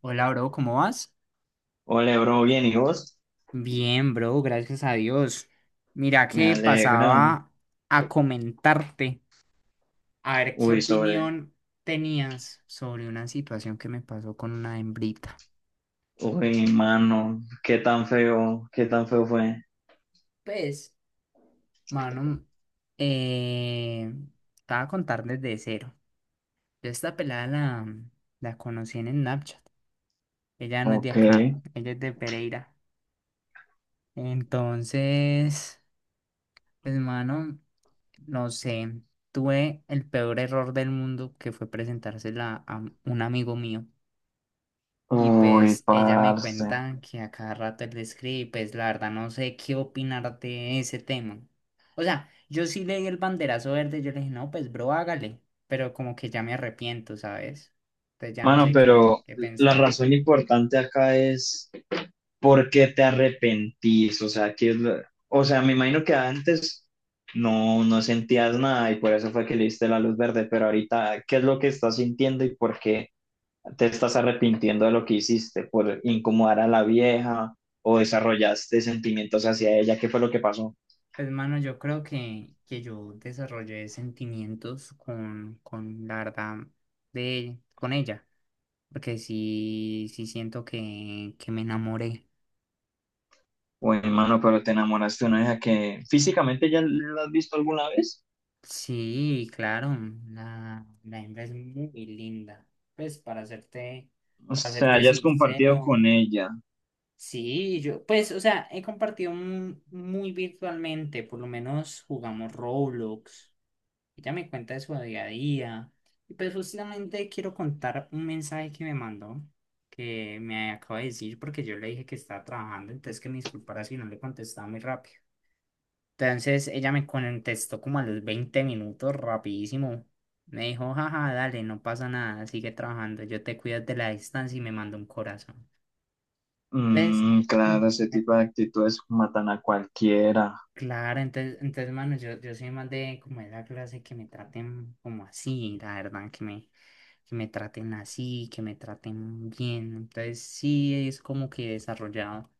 Hola, bro, ¿cómo vas? Hola, bro, bien, ¿y vos? Bien, bro, gracias a Dios. Mira Me que alegro. pasaba a comentarte, a ver qué Uy, sobre. opinión tenías sobre una situación que me pasó con una hembrita. Uy, mano, qué tan feo fue. Pues, mano, eh, te voy a contar desde cero. Yo esta pelada la conocí en Snapchat. Ella no es de Ok. acá, ella es de Pereira. Entonces, pues, mano. No sé, tuve el peor error del mundo que fue presentársela a un amigo mío. Y Uy, pues ella me parce. cuenta que a cada rato él le escribe y pues la verdad no sé qué opinar de ese tema. O sea, yo sí le di el banderazo verde, yo le dije, no, pues bro, hágale. Pero como que ya me arrepiento, ¿sabes? Entonces ya no Mano, sé qué, pero qué la pensar. razón importante acá es por qué te arrepentís. O sea, ¿qué es lo- o sea, me imagino que antes no sentías nada y por eso fue que le diste la luz verde, pero ahorita, ¿qué es lo que estás sintiendo y por qué te estás arrepintiendo de lo que hiciste por incomodar a la vieja o desarrollaste sentimientos hacia ella? ¿Qué fue lo que pasó? Pues mano, yo creo que yo desarrollé sentimientos con la verdad con ella. Porque sí siento que me enamoré. O hermano, pero te enamoraste de una vieja que físicamente ya la has visto alguna vez, Sí, claro, la hembra es muy linda. Pues para hacerte o para sea, hacerte ya has compartido sincero, con ella. sí, yo, pues, o sea, he compartido muy virtualmente, por lo menos jugamos Roblox. Ella me cuenta de su día a día. Y pues justamente quiero contar un mensaje que me mandó, que me acaba de decir porque yo le dije que estaba trabajando, entonces que me disculpara si no le contestaba muy rápido. Entonces ella me contestó como a los 20 minutos, rapidísimo. Me dijo, jaja, dale, no pasa nada, sigue trabajando, yo te cuido de la distancia y me mando un corazón. ¿Ves? Mm, Mm, claro, ese eh, tipo de actitudes matan a cualquiera. Claro, entonces, mano, yo soy más de como de la clase que me traten como así, la verdad, que me traten así, que me traten bien. Entonces sí es como que he desarrollado.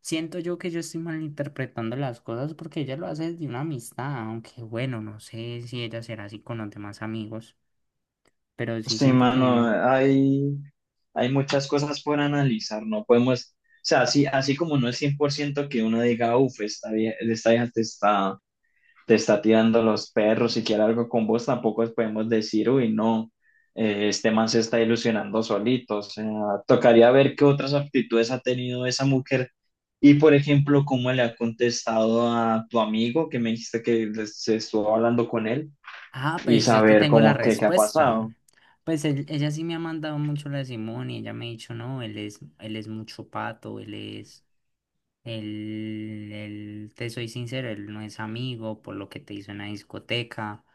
Siento yo que yo estoy malinterpretando las cosas porque ella lo hace de una amistad, aunque bueno, no sé si ella será así con los demás amigos, pero sí Sí, siento mano, que... hay muchas cosas por analizar, no podemos, o sea, así, así como no es 100% que uno diga, uff, esta vieja te está tirando los perros y quiere algo con vos, tampoco podemos decir, uy, no, este man se está ilusionando solito. O sea, tocaría ver qué otras actitudes ha tenido esa mujer y, por ejemplo, cómo le ha contestado a tu amigo que me dijiste que les- se estuvo hablando con él Ah, y pues yo te saber tengo la cómo que qué ha pasado. respuesta. Pues ella sí me ha mandado mucho la de Simón y ella me ha dicho, no, él es mucho pato, él es, él, te soy sincero, él no es amigo por lo que te hizo en la discoteca.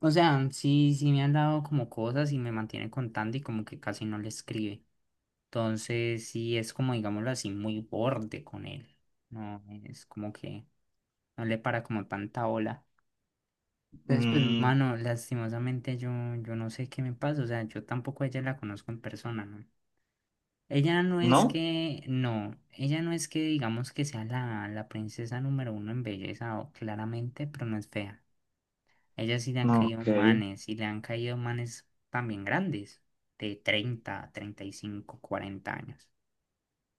O sea, sí me han dado como cosas y me mantiene contando y como que casi no le escribe. Entonces, sí es como, digámoslo así, muy borde con él. No, es como que no le para como tanta ola. Entonces, pues, Mm, mano, lastimosamente yo no sé qué me pasa. O sea, yo tampoco a ella la conozco en persona, ¿no? Ella no es ¿no? que, no, ella no es que digamos que sea la princesa número uno en belleza, claramente, pero no es fea. A ella sí le han No, caído ok. manes, y le han caído manes también grandes, de 30, 35, 40 años.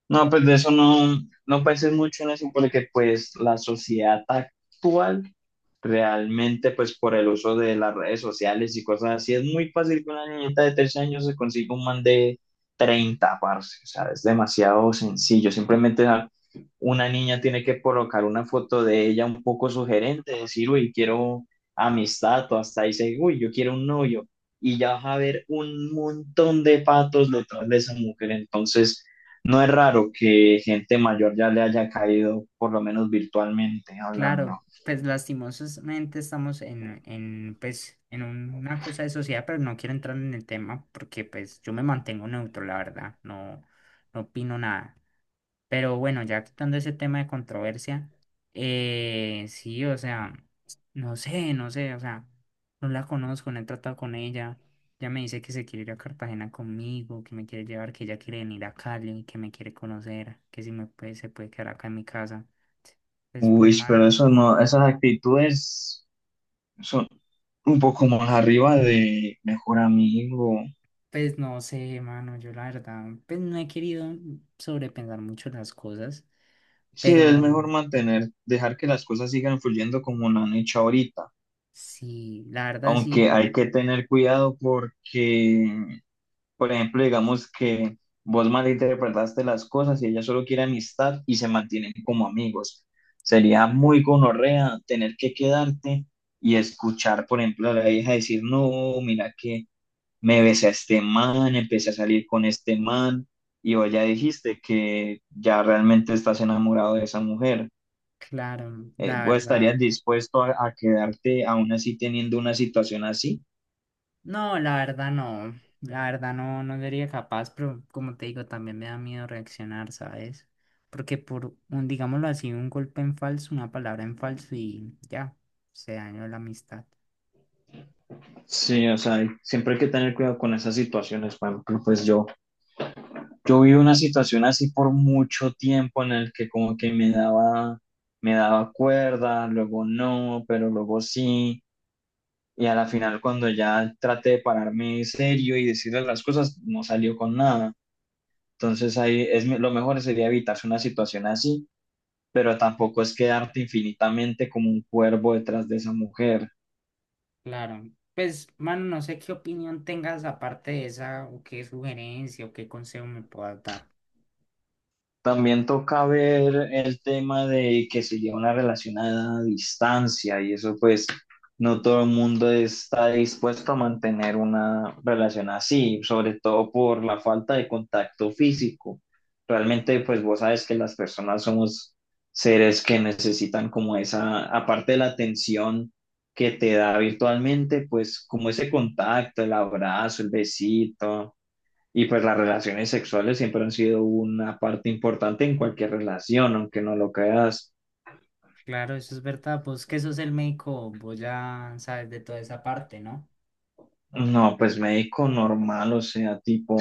No, pues de eso no, no pensé mucho en eso porque pues la sociedad actual realmente pues por el uso de las redes sociales y cosas así es muy fácil que una niñita de 13 años se consiga un man de 30, parce, o sea, es demasiado sencillo, simplemente ja, una niña tiene que colocar una foto de ella un poco sugerente, decir, uy, quiero amistad o hasta ahí dice, uy, yo quiero un novio y ya vas a ver un montón de patos detrás de esa mujer, entonces... No es raro que gente mayor ya le haya caído, por lo menos virtualmente hablando. Claro, pues lastimosamente estamos en, pues, en una cosa de sociedad, pero no quiero entrar en el tema porque pues yo me mantengo neutro, la verdad, no, no opino nada. Pero bueno, ya quitando ese tema de controversia, sí, o sea, no sé, o sea, no la conozco, no he tratado con ella. Ya me dice que se quiere ir a Cartagena conmigo, que me quiere llevar, que ella quiere venir a Cali, que me quiere conocer, que si me puede, se puede quedar acá en mi casa. Pues, Uy, pero mano. eso no, esas actitudes son un poco más arriba de mejor amigo. Pues no sé, mano, yo la verdad, pues no he querido sobrepensar mucho las cosas, Sí, es pero mejor mantener, dejar que las cosas sigan fluyendo como lo han hecho ahorita. sí, la verdad sí, Aunque hay que tener cuidado porque, por ejemplo, digamos que vos malinterpretaste las cosas y ella solo quiere amistad y se mantienen como amigos. Sería muy gonorrea tener que quedarte y escuchar, por ejemplo, a la hija decir, no, mira que me besé a este man, empecé a salir con este man, y vos ya dijiste que ya realmente estás enamorado de esa mujer. claro, la ¿Vos estarías verdad. dispuesto a quedarte aún así teniendo una situación así? No, la verdad no, la verdad no, no sería capaz, pero como te digo, también me da miedo reaccionar, ¿sabes? Porque por un, digámoslo así, un golpe en falso, una palabra en falso y ya, se dañó la amistad. Sí, o sea, siempre hay que tener cuidado con esas situaciones. Por ejemplo, pues yo yo viví una situación así por mucho tiempo en el que como que me daba cuerda, luego no, pero luego sí. Y a la final cuando ya traté de pararme serio y decirle las cosas, no salió con nada. Entonces ahí es me- lo mejor sería evitarse una situación así, pero tampoco es quedarte infinitamente como un cuervo detrás de esa mujer. Claro, pues, mano, no sé qué opinión tengas aparte de esa, o qué sugerencia, o qué consejo me puedas dar. También toca ver el tema de que se lleva una relación a distancia y eso pues no todo el mundo está dispuesto a mantener una relación así, sobre todo por la falta de contacto físico. Realmente pues vos sabes que las personas somos seres que necesitan como esa, aparte de la atención que te da virtualmente, pues como ese contacto, el abrazo, el besito. Y pues las relaciones sexuales siempre han sido una parte importante en cualquier relación, aunque no lo creas. Claro, eso es verdad. Vos que sos el médico, vos ya sabes de toda esa parte, ¿no? No, pues médico normal, o sea, tipo,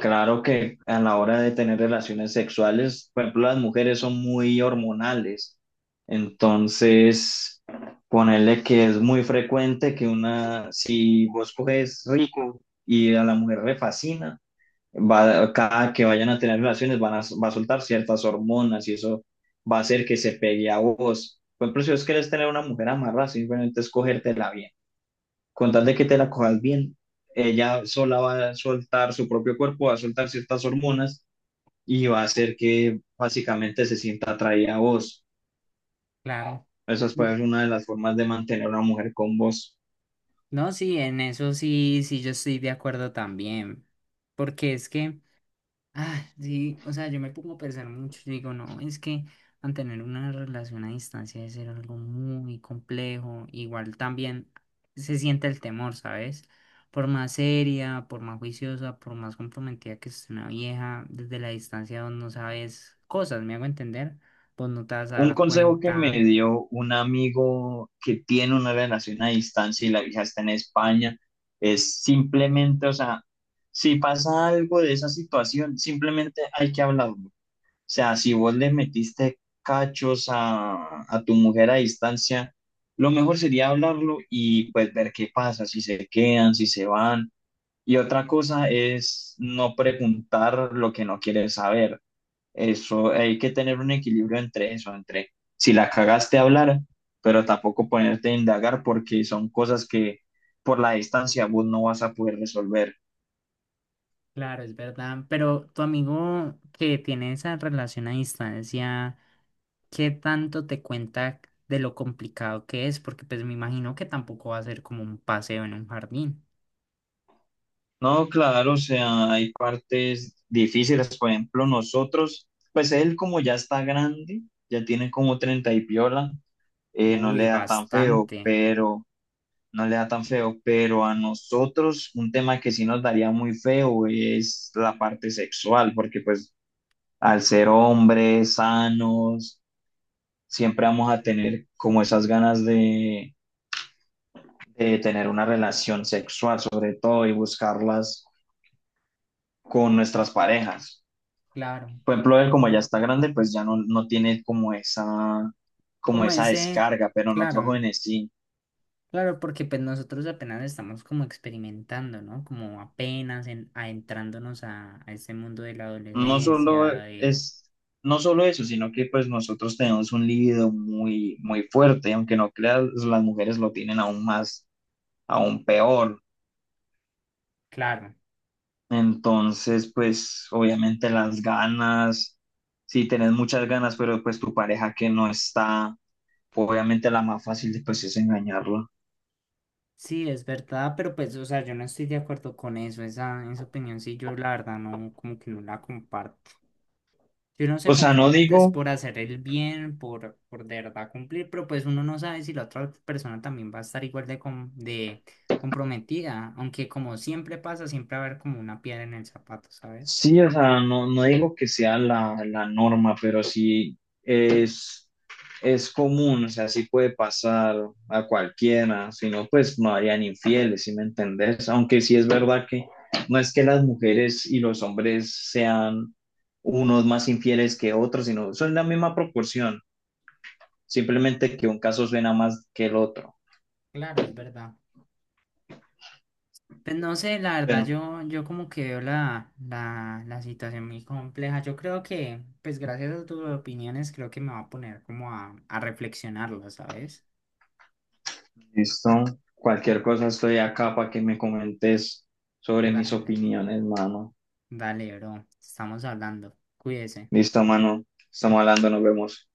claro que a la hora de tener relaciones sexuales, por ejemplo, las mujeres son muy hormonales. Entonces, ponerle que es muy frecuente que una, si vos coges rico y a la mujer le fascina, va, cada que vayan a tener relaciones va a soltar ciertas hormonas y eso va a hacer que se pegue a vos. Por ejemplo, si vos querés tener una mujer amarrada, simplemente es cogértela bien. Con tal de que te la cojas bien, ella sola va a soltar su propio cuerpo, va a soltar ciertas hormonas y va a hacer que básicamente se sienta atraída a vos. Claro. Esa N- puede ser una de las formas de mantener a una mujer con vos. No, sí, en eso sí, yo estoy de acuerdo también. Porque es que. Ah, sí, o sea, yo me pongo a pensar mucho, yo digo, no, es que mantener una relación a distancia es algo muy complejo, igual también se siente el temor, ¿sabes? Por más seria, por más juiciosa, por más comprometida que esté una vieja, desde la distancia vos no sabes cosas, me hago entender, vos no te vas a Un dar consejo que me cuenta, dio un amigo que tiene una relación a distancia y la hija está en España es simplemente, o sea, si pasa algo de esa situación, simplemente hay que hablarlo. O sea, si vos le metiste cachos a tu mujer a distancia, lo mejor sería hablarlo y pues ver qué pasa, si se quedan, si se van. Y otra cosa es no preguntar lo que no quieres saber. Eso, hay que tener un equilibrio entre eso, entre si la cagaste hablar, pero tampoco ponerte a indagar porque son cosas que por la distancia vos no vas a poder resolver. claro, es verdad, pero tu amigo que tiene esa relación a distancia... ¿Qué tanto te cuenta de lo complicado que es? Porque pues me imagino que tampoco va a ser como un paseo en un jardín. No, claro, o sea, hay partes difíciles, por ejemplo, nosotros, pues él como ya está grande, ya tiene como 30 y piola, no le Uy, da tan feo, bastante. pero no le da tan feo, pero a nosotros un tema que sí nos daría muy feo es la parte sexual, porque pues al ser hombres sanos, siempre vamos a tener como esas ganas de tener una relación sexual, sobre todo, y buscarlas con nuestras parejas. Claro. Por ejemplo, él como ya está grande, pues ya no, no tiene como Como esa ese, descarga, pero nosotros claro, jóvenes sí. claro, porque pues nosotros apenas estamos como experimentando, ¿no? Como apenas adentrándonos a ese mundo de la No solo adolescencia, de... es, no solo eso, sino que pues nosotros tenemos un libido muy fuerte, aunque no creas, las mujeres lo tienen aún más, aún peor. Claro. Entonces, pues obviamente las ganas, si tenés muchas ganas, pero pues tu pareja que no está, obviamente la más fácil pues es engañarla. Sí, es verdad, pero pues, o sea, yo no estoy de acuerdo con esa opinión sí, yo la verdad no, como que no la comparto. Si uno se O sea, no compromete es digo por hacer el bien, por de verdad cumplir, pero pues uno no sabe si la otra persona también va a estar igual de comprometida, aunque como siempre pasa, siempre va a haber como una piedra en el zapato, ¿sabes? Sí, o sea, no, no digo que sea la norma, pero sí es común, o sea, sí puede pasar a cualquiera, si no, pues no harían infieles, ¿sí me entendés? Aunque sí es verdad que no es que las mujeres y los hombres sean unos más infieles que otros, sino son la misma proporción, simplemente que un caso suena más que el otro. Claro, es verdad. Pues no sé, la verdad Bueno, yo como que veo la situación muy compleja. Yo creo que, pues gracias a tus opiniones, creo que me va a poner como a reflexionarlo, ¿sabes? listo, cualquier cosa estoy acá para que me comentes sobre mis Dale, opiniones, mano. dale, bro, estamos hablando, cuídese. Listo, mano. Estamos hablando, nos vemos.